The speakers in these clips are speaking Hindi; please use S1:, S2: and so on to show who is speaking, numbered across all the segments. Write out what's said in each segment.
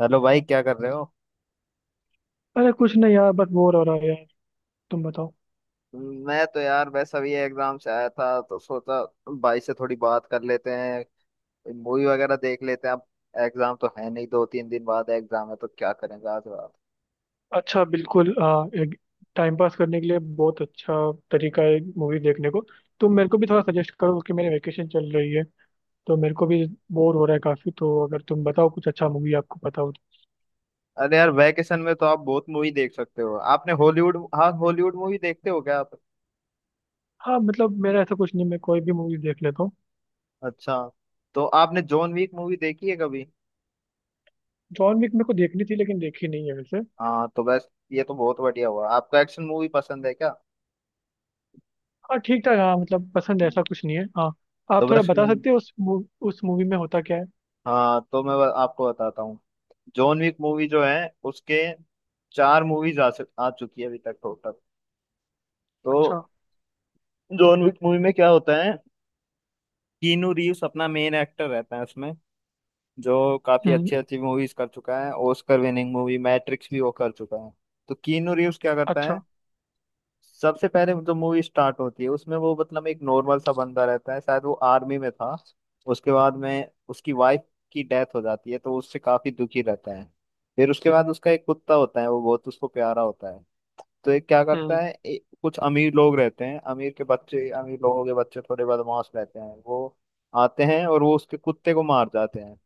S1: हेलो भाई, क्या कर रहे हो।
S2: अरे कुछ नहीं यार बस बोर हो रहा है यार। तुम बताओ।
S1: मैं तो यार वैसा भी एग्जाम से आया था तो सोचा भाई से थोड़ी बात कर लेते हैं। मूवी वगैरह देख लेते हैं अब। एग्जाम तो है नहीं, दो तीन दिन बाद एग्जाम है तो क्या करेंगे आज रात।
S2: अच्छा बिल्कुल एक टाइम पास करने के लिए बहुत अच्छा तरीका है मूवी देखने को। तुम मेरे को भी थोड़ा सजेस्ट करो क्योंकि मेरी वेकेशन चल रही है तो मेरे को भी बोर हो रहा है काफ़ी, तो अगर तुम बताओ कुछ अच्छा मूवी आपको पता हो तो।
S1: अरे यार, वैकेशन में तो आप बहुत मूवी देख सकते हो। आपने हॉलीवुड, हाँ हॉलीवुड मूवी देखते हो क्या आप?
S2: हाँ मतलब मेरा ऐसा कुछ नहीं, मैं कोई भी मूवी देख लेता हूँ।
S1: अच्छा, तो आपने जॉन वीक मूवी देखी है कभी?
S2: जॉन विक मेरे को देखनी थी लेकिन देखी नहीं है वैसे।
S1: हाँ, तो बस ये तो बहुत बढ़िया हुआ। आपको एक्शन मूवी पसंद है क्या?
S2: हाँ ठीक ठाक, हाँ मतलब पसंद है,
S1: हम्म।
S2: ऐसा कुछ नहीं है, हाँ।
S1: तो
S2: आप थोड़ा
S1: बस
S2: बता
S1: वही-
S2: सकते हो उस उस मूवी में होता क्या है।
S1: हाँ, तो मैं आपको बताता हूँ। जॉन विक मूवी जो है, उसके चार मूवीज आ चुकी है अभी तक टोटल। तो
S2: अच्छा।
S1: जॉन विक मूवी में क्या होता है? कीनू रीव्स अपना मेन एक्टर रहता है उसमें, जो काफी
S2: हम्म।
S1: अच्छी अच्छी मूवीज कर चुका है। ऑस्कर विनिंग मूवी मैट्रिक्स भी वो कर चुका है। तो कीनू रीव्स क्या करता
S2: अच्छा।
S1: है? सबसे पहले जो मूवी स्टार्ट होती है उसमें वो मतलब एक नॉर्मल सा बंदा रहता है, शायद वो आर्मी में था। उसके बाद में उसकी वाइफ की डेथ हो जाती है तो उससे काफी दुखी रहता है। फिर उसके बाद उसका एक कुत्ता होता है, वो बहुत उसको प्यारा होता है। तो ये क्या करता
S2: हम्म।
S1: है, कुछ अमीर लोग रहते हैं, अमीर के बच्चे, अमीर लोगों के बच्चे थोड़े बदमाश रहते हैं वो। आते हैं और वो उसके कुत्ते को मार जाते हैं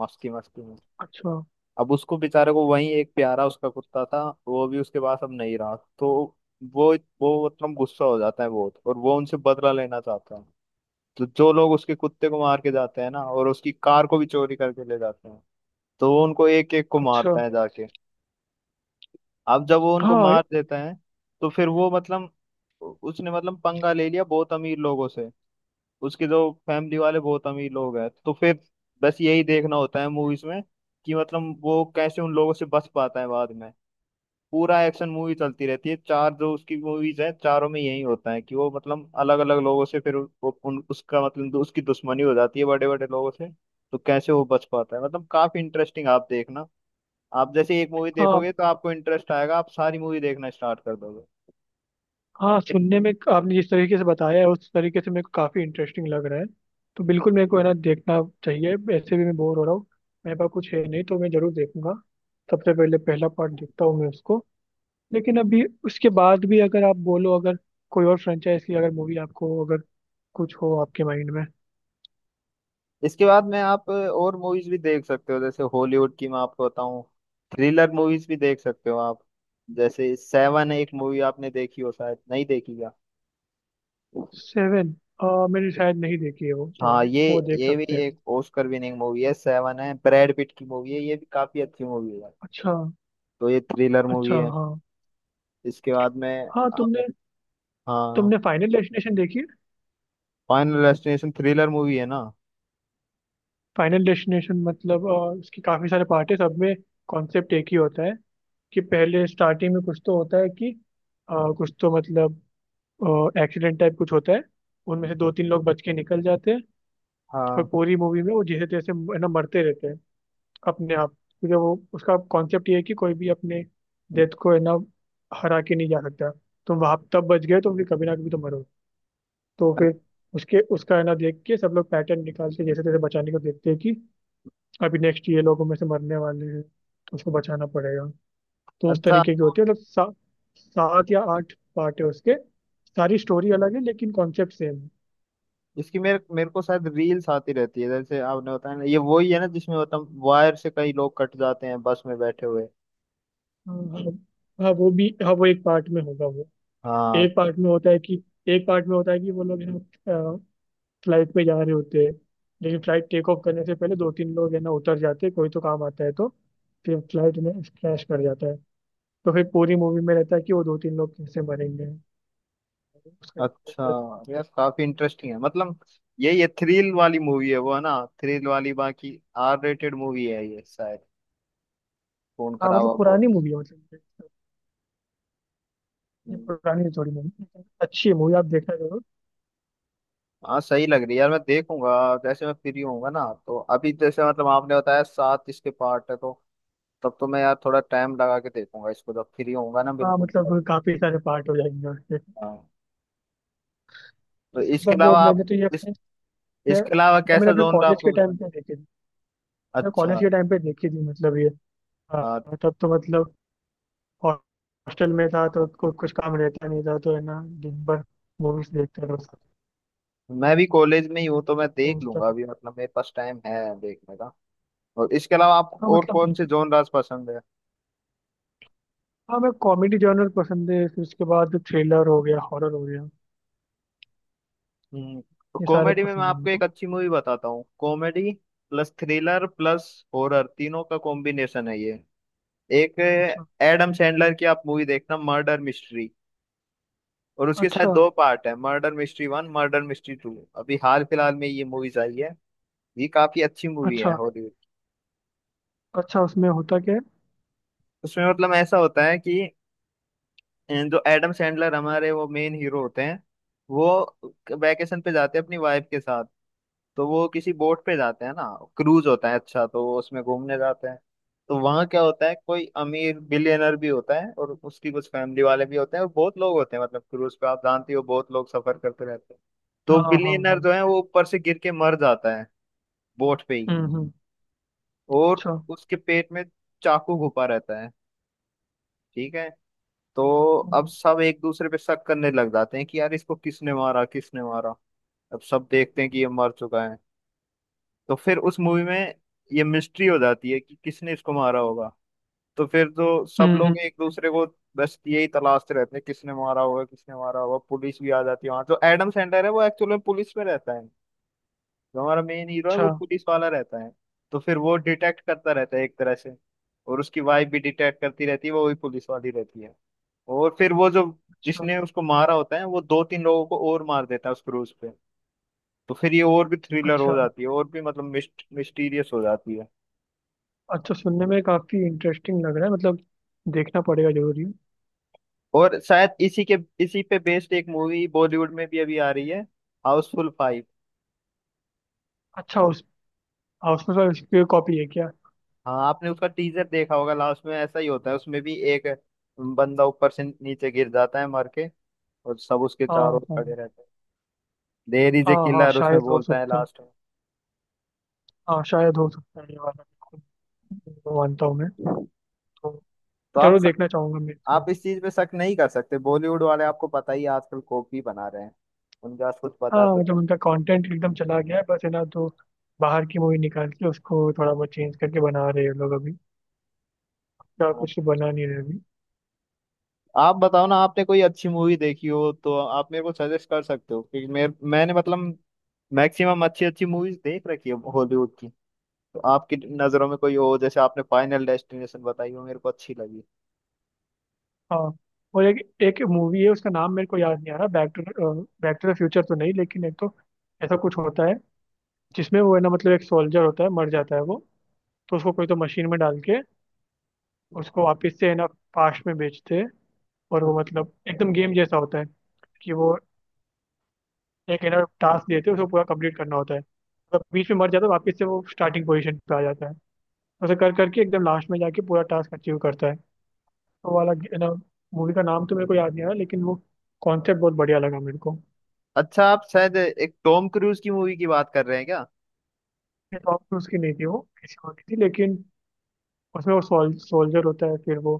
S1: मस्ती मस्ती में।
S2: अच्छा।
S1: अब उसको बेचारे को वही एक प्यारा उसका कुत्ता था, वो भी उसके पास अब नहीं रहा, तो वो वो मतलब गुस्सा हो जाता है बहुत और वो उनसे बदला लेना चाहता है। तो जो लोग उसके कुत्ते को मार के जाते हैं ना, और उसकी कार को भी चोरी करके ले जाते हैं, तो वो उनको एक एक को
S2: अच्छा।
S1: मारता है जाके। अब जब वो उनको
S2: हाँ।
S1: मार देता है तो फिर वो मतलब, उसने मतलब पंगा ले लिया बहुत अमीर लोगों से। उसके जो फैमिली वाले बहुत अमीर लोग हैं, तो फिर बस यही देखना होता है मूवीज में कि मतलब वो कैसे उन लोगों से बच पाता है बाद में। पूरा एक्शन मूवी चलती रहती है। चार जो उसकी मूवीज है चारों में यही होता है कि वो मतलब अलग अलग लोगों से, फिर वो उन उसका मतलब उसकी दुश्मनी हो जाती है बड़े बड़े लोगों से। तो कैसे वो बच पाता है, मतलब काफी इंटरेस्टिंग, आप देखना। आप जैसे एक मूवी
S2: हाँ
S1: देखोगे तो आपको इंटरेस्ट आएगा, आप सारी मूवी देखना स्टार्ट कर दोगे।
S2: हाँ, सुनने में आपने जिस तरीके से बताया है उस तरीके से मेरे को काफ़ी इंटरेस्टिंग लग रहा है। तो बिल्कुल मेरे को है ना देखना चाहिए, ऐसे भी मैं बोर हो रहा हूँ। मेरे पास कुछ है नहीं तो मैं ज़रूर देखूंगा। सबसे पहले पहला पार्ट देखता हूँ मैं उसको। लेकिन अभी उसके बाद भी अगर आप बोलो, अगर कोई और फ्रेंचाइज की अगर मूवी आपको अगर कुछ हो आपके माइंड में।
S1: इसके बाद में आप और मूवीज भी देख सकते हो, जैसे हॉलीवुड की मैं आपको बताऊं। थ्रिलर मूवीज भी देख सकते हो आप। जैसे सेवन एक मूवी आपने देखी हो शायद, नहीं देखी क्या?
S2: सेवन। मैंने शायद नहीं देखी है वो, हाँ।
S1: हाँ,
S2: वो देख
S1: ये भी
S2: सकते हैं।
S1: एक ऑस्कर विनिंग मूवी है। सेवन है, ब्रैड पिट की मूवी है, ये भी काफी अच्छी मूवी है।
S2: अच्छा।
S1: तो ये थ्रिलर मूवी
S2: अच्छा।
S1: है।
S2: हाँ।
S1: इसके बाद में
S2: हाँ
S1: आप,
S2: तुमने
S1: हाँ।
S2: तुमने फाइनल डेस्टिनेशन देखी है।
S1: फाइनल डेस्टिनेशन थ्रिलर मूवी है ना।
S2: फाइनल डेस्टिनेशन मतलब इसके काफी सारे पार्ट है, सब में कॉन्सेप्ट एक ही होता है कि पहले स्टार्टिंग में कुछ तो होता है कि कुछ तो मतलब एक्सीडेंट टाइप कुछ होता है, उनमें से दो तीन लोग बच के निकल जाते हैं और
S1: हाँ,
S2: पूरी मूवी में वो जैसे तैसे है ना मरते रहते हैं अपने आप। क्योंकि वो उसका कॉन्सेप्ट ये है कि कोई भी अपने डेथ को है ना हरा के नहीं जा सकता। तुम वहां तब बच गए तो फिर कभी ना कभी तो मरो। तो
S1: अ-
S2: फिर उसके उसका है ना देख के सब लोग पैटर्न निकाल के जैसे तैसे बचाने को देखते हैं कि अभी नेक्स्ट ये लोगों में से मरने वाले हैं तो उसको बचाना पड़ेगा। तो उस
S1: अच्छा।
S2: तरीके की
S1: तो
S2: होती है मतलब सात या आठ पार्ट है उसके, सारी स्टोरी अलग है लेकिन कॉन्सेप्ट सेम है।
S1: इसकी मेरे मेरे को शायद रील्स आती रहती है, जैसे आपने बताया ना, ये वही है ना जिसमें मतलब वायर से कई लोग कट जाते हैं बस में बैठे हुए।
S2: हाँ हाँ। हाँ, वो भी, हाँ वो एक पार्ट में होगा वो।
S1: हाँ।
S2: एक पार्ट में होता है कि एक पार्ट में होता है कि वो लोग है ना फ्लाइट पे जा रहे होते हैं, लेकिन फ्लाइट टेक ऑफ करने से पहले दो तीन लोग है ना उतर जाते हैं, कोई तो काम आता है तो फिर फ्लाइट में क्रैश कर जाता है। तो फिर पूरी मूवी में रहता है कि वो दो तीन लोग कैसे मरेंगे उसका।
S1: अच्छा, यार काफी इंटरेस्टिंग है मतलब। ये थ्रिल वाली मूवी है वो, है ना। थ्रिल वाली, बाकी आर रेटेड मूवी है ये शायद, खून
S2: हाँ
S1: खराब
S2: मतलब
S1: और बहुत।
S2: पुरानी मूवी है मतलब। ये
S1: हम्म।
S2: पुरानी है थोड़ी मूवी। अच्छी है मूवी, आप देखना जरूर।
S1: हाँ, सही लग रही है यार, मैं देखूंगा जैसे मैं फ्री होऊंगा ना। तो अभी जैसे मतलब आपने बताया सात इसके पार्ट है, तो तब तो मैं यार थोड़ा टाइम लगा के देखूंगा इसको जब फ्री होऊंगा ना,
S2: हाँ
S1: बिल्कुल
S2: मतलब
S1: अभी।
S2: काफी सारे पार्ट हो जाएंगे उसके।
S1: हाँ, तो
S2: जैसे
S1: इसके अलावा
S2: मतलब
S1: आप,
S2: मैंने तो ये
S1: इस
S2: अपने
S1: इसके अलावा
S2: मैंने
S1: कैसा
S2: अपने
S1: जॉनर
S2: कॉलेज के
S1: आपको
S2: टाइम
S1: पसंद
S2: पे
S1: है?
S2: देखी थी। मैं कॉलेज
S1: अच्छा।
S2: के टाइम पे देखी थी मतलब ये। हाँ,
S1: हाँ,
S2: तब तो मतलब हॉस्टल में था तो कुछ काम रहता नहीं था तो है ना दिन भर मूवीज देखते रहो सब।
S1: मैं भी कॉलेज में ही हूँ तो मैं
S2: तो
S1: देख
S2: उस
S1: लूंगा
S2: टाइम।
S1: अभी, मतलब मेरे पास टाइम है देखने का। और इसके अलावा
S2: हाँ
S1: आपको और
S2: मतलब
S1: कौन
S2: देख।
S1: से जॉनर्स पसंद है?
S2: हाँ मैं कॉमेडी जॉनर पसंद है फिर उसके बाद थ्रिलर हो गया हॉरर हो गया।
S1: हम्म। तो
S2: ये सारे
S1: कॉमेडी में मैं
S2: पसंद है
S1: आपको एक
S2: मुझको।
S1: अच्छी मूवी बताता हूँ। Comedy plus thriller plus horror, तीनों का कॉम्बिनेशन है ये। एक
S2: अच्छा।
S1: एडम सैंडलर की आप मूवी देखना, मर्डर मिस्ट्री। और उसके साथ
S2: अच्छा।
S1: दो पार्ट है, Murder Mystery one, Murder Mystery two, अभी हाल फिलहाल में ये मूवीज आई है। ये काफी अच्छी मूवी है,
S2: अच्छा।
S1: हॉलीवुड।
S2: अच्छा उसमें होता क्या है।
S1: उसमें मतलब ऐसा होता है कि जो एडम सैंडलर हमारे, वो मेन हीरो होते हैं। वो वेकेशन पे जाते हैं अपनी वाइफ के साथ। तो वो किसी बोट पे जाते हैं ना, क्रूज होता है अच्छा, तो वो उसमें घूमने जाते हैं। तो वहाँ क्या होता है, कोई अमीर बिलियनर भी होता है और उसकी कुछ फैमिली वाले भी होते हैं और बहुत लोग होते हैं, मतलब क्रूज पे आप जानती हो बहुत लोग सफर करते रहते हैं। तो
S2: हाँ हाँ
S1: बिलियनर
S2: हाँ।
S1: जो है वो ऊपर से गिर के मर जाता है बोट पे ही,
S2: हम्म।
S1: और
S2: अच्छा।
S1: उसके पेट में चाकू घुपा रहता है, ठीक है। तो अब
S2: हम्म
S1: सब एक दूसरे पे शक करने लग जाते हैं कि यार इसको किसने मारा, किसने मारा। अब सब देखते हैं कि ये मर चुका है, तो फिर उस मूवी में ये मिस्ट्री हो जाती है कि किसने इसको मारा होगा। तो फिर तो सब लोग
S2: हम्म,
S1: एक दूसरे को, बस यही तलाशते रहते हैं, किसने मारा होगा, किसने मारा होगा। पुलिस भी आ जाती है वहां, तो एडम सैंडलर है वो एक्चुअल में पुलिस में रहता है। जो हमारा मेन हीरो है
S2: अच्छा।
S1: वो पुलिस वाला रहता है। तो फिर वो डिटेक्ट करता रहता है एक तरह से, और उसकी वाइफ भी डिटेक्ट करती रहती है, वो भी पुलिस वाली रहती है। और फिर वो जो
S2: अच्छा।
S1: जिसने उसको मारा होता है, वो दो तीन लोगों को और मार देता है उस क्रूज पे। तो फिर ये और भी थ्रिलर हो
S2: अच्छा।
S1: जाती है और भी मतलब मिस्टीरियस हो जाती है।
S2: अच्छा, सुनने में काफी इंटरेस्टिंग लग रहा है मतलब। देखना पड़ेगा, जरूरी है।
S1: और शायद इसी पे बेस्ड एक मूवी बॉलीवुड में भी अभी आ रही है, हाउसफुल फाइव।
S2: अच्छा उस। हाँ, उसमें सर इसकी कॉपी है क्या।
S1: हाँ, आपने उसका टीजर देखा होगा। लास्ट में ऐसा ही होता है उसमें भी, एक बंदा ऊपर से नीचे गिर जाता है मर के, और सब उसके
S2: हाँ
S1: चारों ओर
S2: हाँ।
S1: खड़े रहते हैं। देयर इज ए
S2: हाँ हाँ
S1: किलर, उसमें
S2: शायद हो
S1: बोलता है
S2: सकता है।
S1: लास्ट में।
S2: हाँ शायद हो सकता है ये वाला, बिल्कुल वो मानता हूँ मैं। तो
S1: तो आप
S2: जरूर
S1: शक,
S2: देखना चाहूंगा मैं इसको।
S1: आप इस चीज पे शक नहीं कर सकते, बॉलीवुड वाले आपको पता ही है, आजकल कॉपी बना रहे हैं। उनके पास कुछ
S2: हाँ
S1: पता तो
S2: मतलब उनका कंटेंट एकदम चला गया है बस है ना, तो बाहर की मूवी निकाल के उसको थोड़ा बहुत चेंज करके बना रहे हैं ये लोग अभी। क्या
S1: है।
S2: कुछ तो बना नहीं रहे अभी।
S1: आप बताओ ना, आपने कोई अच्छी मूवी देखी हो तो आप मेरे को सजेस्ट कर सकते हो, क्योंकि मेरे मैंने मतलब मैक्सिमम अच्छी अच्छी मूवीज देख रखी है हॉलीवुड की। तो आपकी नज़रों में कोई हो, जैसे आपने फाइनल डेस्टिनेशन बताई हो मेरे को अच्छी लगी।
S2: हाँ और एक एक मूवी है उसका नाम मेरे को याद नहीं आ रहा, back to, back to the future तो नहीं, लेकिन एक तो ऐसा कुछ होता है जिसमें वो है ना मतलब एक सोल्जर होता है मर जाता है वो। तो उसको कोई तो मशीन में डाल के उसको वापस से है ना पास्ट में भेजते हैं और वो मतलब एकदम गेम जैसा होता है कि वो एक है ना टास्क देते हैं उसको पूरा कंप्लीट करना होता है, मतलब बीच में मर जाता है वापस से वो स्टार्टिंग पोजीशन पे आ जाता है। ऐसा कर करके एकदम लास्ट में जाके पूरा टास्क अचीव करता है तो वाला है ना। मूवी का नाम तो मेरे को याद नहीं आ रहा लेकिन वो कॉन्सेप्ट बहुत बढ़िया लगा मेरे को।
S1: अच्छा, आप शायद एक टॉम क्रूज की मूवी की बात कर रहे हैं क्या?
S2: टॉम क्रूज की नहीं थी वो किसी और की थी, लेकिन उसमें वो सोल्जर होता है फिर वो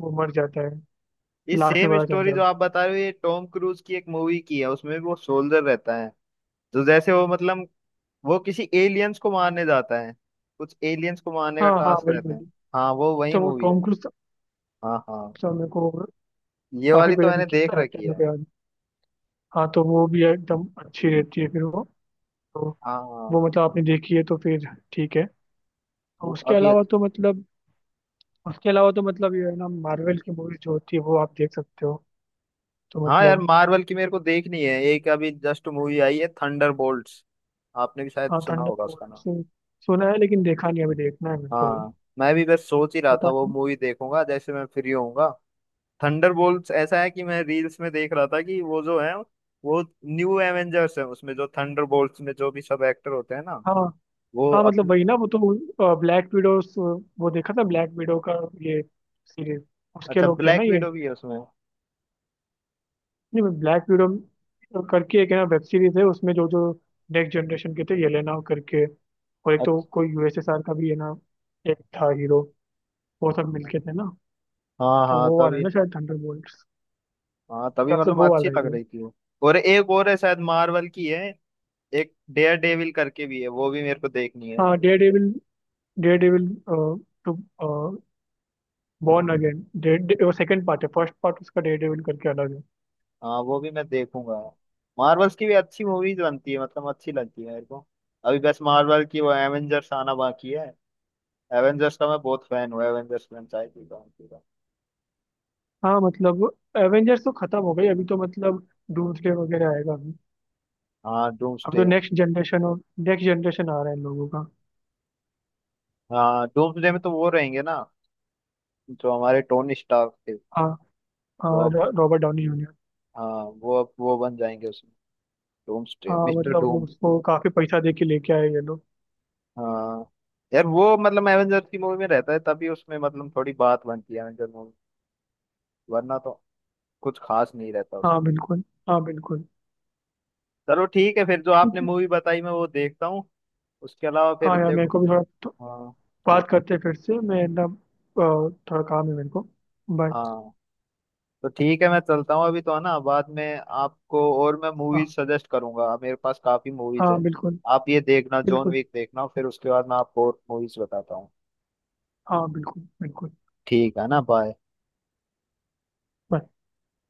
S2: वो मर जाता है। फिर
S1: ये
S2: लास्ट में
S1: सेम
S2: पता चलता
S1: स्टोरी
S2: है
S1: जो आप
S2: उसको।
S1: बता रहे हो, ये टॉम क्रूज की एक मूवी की है, उसमें भी वो सोल्जर रहता है। तो जैसे वो मतलब वो किसी एलियंस को मारने जाता है, कुछ एलियंस को मारने का
S2: हाँ हाँ
S1: टास्क
S2: वही
S1: रहता है।
S2: वाली।
S1: हाँ, वो वही
S2: अच्छा वो
S1: मूवी है।
S2: टॉम क्रूज था।
S1: हाँ, हाँ।
S2: अच्छा, मेरे को
S1: ये
S2: काफी
S1: वाली तो
S2: पहले
S1: मैंने
S2: देखी
S1: देख
S2: तो एक्टर
S1: रखी
S2: मेरे
S1: है।
S2: को याद नहीं। हाँ तो वो भी एकदम अच्छी रहती है फिर वो। तो
S1: हाँ, हाँ।
S2: वो मतलब आपने देखी है तो फिर ठीक है। और
S1: वो
S2: उसके
S1: काफी
S2: अलावा
S1: अच्छा।
S2: तो मतलब उसके अलावा तो मतलब ये है ना मार्वल की मूवी जो होती है वो आप देख सकते हो तो
S1: हाँ यार,
S2: मतलब।
S1: मार्वल की मेरे को देखनी है एक, अभी जस्ट मूवी आई है थंडर बोल्ट्स। आपने भी शायद
S2: हाँ
S1: सुना होगा उसका
S2: थंडरबोल्ट
S1: नाम।
S2: सुना है लेकिन देखा नहीं, अभी देखना है मेरे को।
S1: हाँ, मैं भी बस सोच ही रहा
S2: पता
S1: था वो
S2: नहीं।
S1: मूवी देखूंगा जैसे मैं फ्री होऊंगा। थंडर बोल्ट्स ऐसा है कि मैं रील्स में देख रहा था कि वो जो है, वो न्यू एवेंजर्स है, उसमें जो थंडर बोल्ट्स में जो भी सब एक्टर होते हैं ना,
S2: हाँ।
S1: वो
S2: हाँ मतलब
S1: अपनी,
S2: वही ना वो तो ब्लैक विडो। वो देखा था ब्लैक विडो का ये सीरीज, उसके
S1: अच्छा
S2: लोग थे ना
S1: ब्लैक
S2: ये।
S1: विडो भी है उसमें।
S2: नहीं, ब्लैक विडो करके एक है ना वेब सीरीज है, उसमें जो जो नेक्स्ट जनरेशन के थे येलेना करके, और एक तो
S1: अच्छा,
S2: कोई USSR का भी है ना। एक था हीरो, वो सब मिलके थे ना।
S1: हाँ
S2: तो
S1: हाँ
S2: वो वाला है
S1: तभी,
S2: ना शायद थंडरबोल्ट्स।
S1: हाँ
S2: मेरे
S1: तभी
S2: ख्याल से
S1: मतलब
S2: वो
S1: अच्छी
S2: वाला
S1: लग
S2: ही है।
S1: रही थी वो। और एक और है शायद, मार्वल की है। एक डेयर डेविल करके भी है, वो भी मेरे को देखनी है
S2: हाँ,
S1: अभी।
S2: Dare devil. Dare devil two born again वो सेकंड पार्ट है, फर्स्ट पार्ट उसका डेयर डेविल करके अलग है।
S1: हाँ, वो भी मैं देखूंगा। मार्वल्स की भी अच्छी मूवीज बनती है, मतलब अच्छी लगती है मेरे को। अभी बस मार्वल की वो एवेंजर्स आना बाकी है। एवेंजर्स का मैं बहुत फैन हूँ, एवेंजर्स फ्रेंचाइजी का, उनकी का।
S2: हाँ मतलब एवेंजर्स तो खत्म हो गई अभी तो मतलब डूम्सडे वगैरह आएगा अभी।
S1: हाँ,
S2: अब तो
S1: डूम्सडे।
S2: नेक्स्ट जनरेशन और नेक्स्ट जनरेशन आ रहा है इन लोगों का।
S1: हाँ, डूम्सडे में तो वो रहेंगे ना जो हमारे टोनी स्टार्क थे।
S2: हाँ
S1: वो
S2: हाँ,
S1: अब,
S2: रॉबर्ट डाउनी जूनियर।
S1: हाँ वो अब वो बन जाएंगे उसमें, डूम्सडे
S2: हाँ
S1: मिस्टर
S2: मतलब वो
S1: डूम।
S2: उसको काफी पैसा दे के लेके आए ये लोग।
S1: हाँ यार, वो मतलब एवेंजर्स की मूवी में रहता है तभी उसमें मतलब थोड़ी बात बनती है एवेंजर मूवी, वरना तो कुछ खास नहीं रहता
S2: हाँ
S1: उसमें।
S2: बिल्कुल। हाँ बिल्कुल।
S1: चलो ठीक है, फिर जो आपने
S2: ठीक है।
S1: मूवी बताई मैं वो देखता हूँ। उसके अलावा फिर
S2: हाँ यार मेरे
S1: देखो।
S2: को भी थोड़ा तो
S1: हाँ।
S2: बात करते हैं फिर से, मैं ना थोड़ा काम है मेरे को। बाय।
S1: हाँ तो ठीक है, मैं चलता हूँ अभी तो, है ना। बाद में आपको और मैं मूवीज
S2: हाँ
S1: सजेस्ट करूंगा, मेरे पास काफी मूवीज
S2: हाँ
S1: है।
S2: बिल्कुल
S1: आप ये देखना, जॉन
S2: बिल्कुल।
S1: विक देखना, फिर उसके बाद मैं आपको और मूवीज बताता हूँ।
S2: हाँ बिल्कुल बिल्कुल।
S1: ठीक है ना, बाय।
S2: Bye.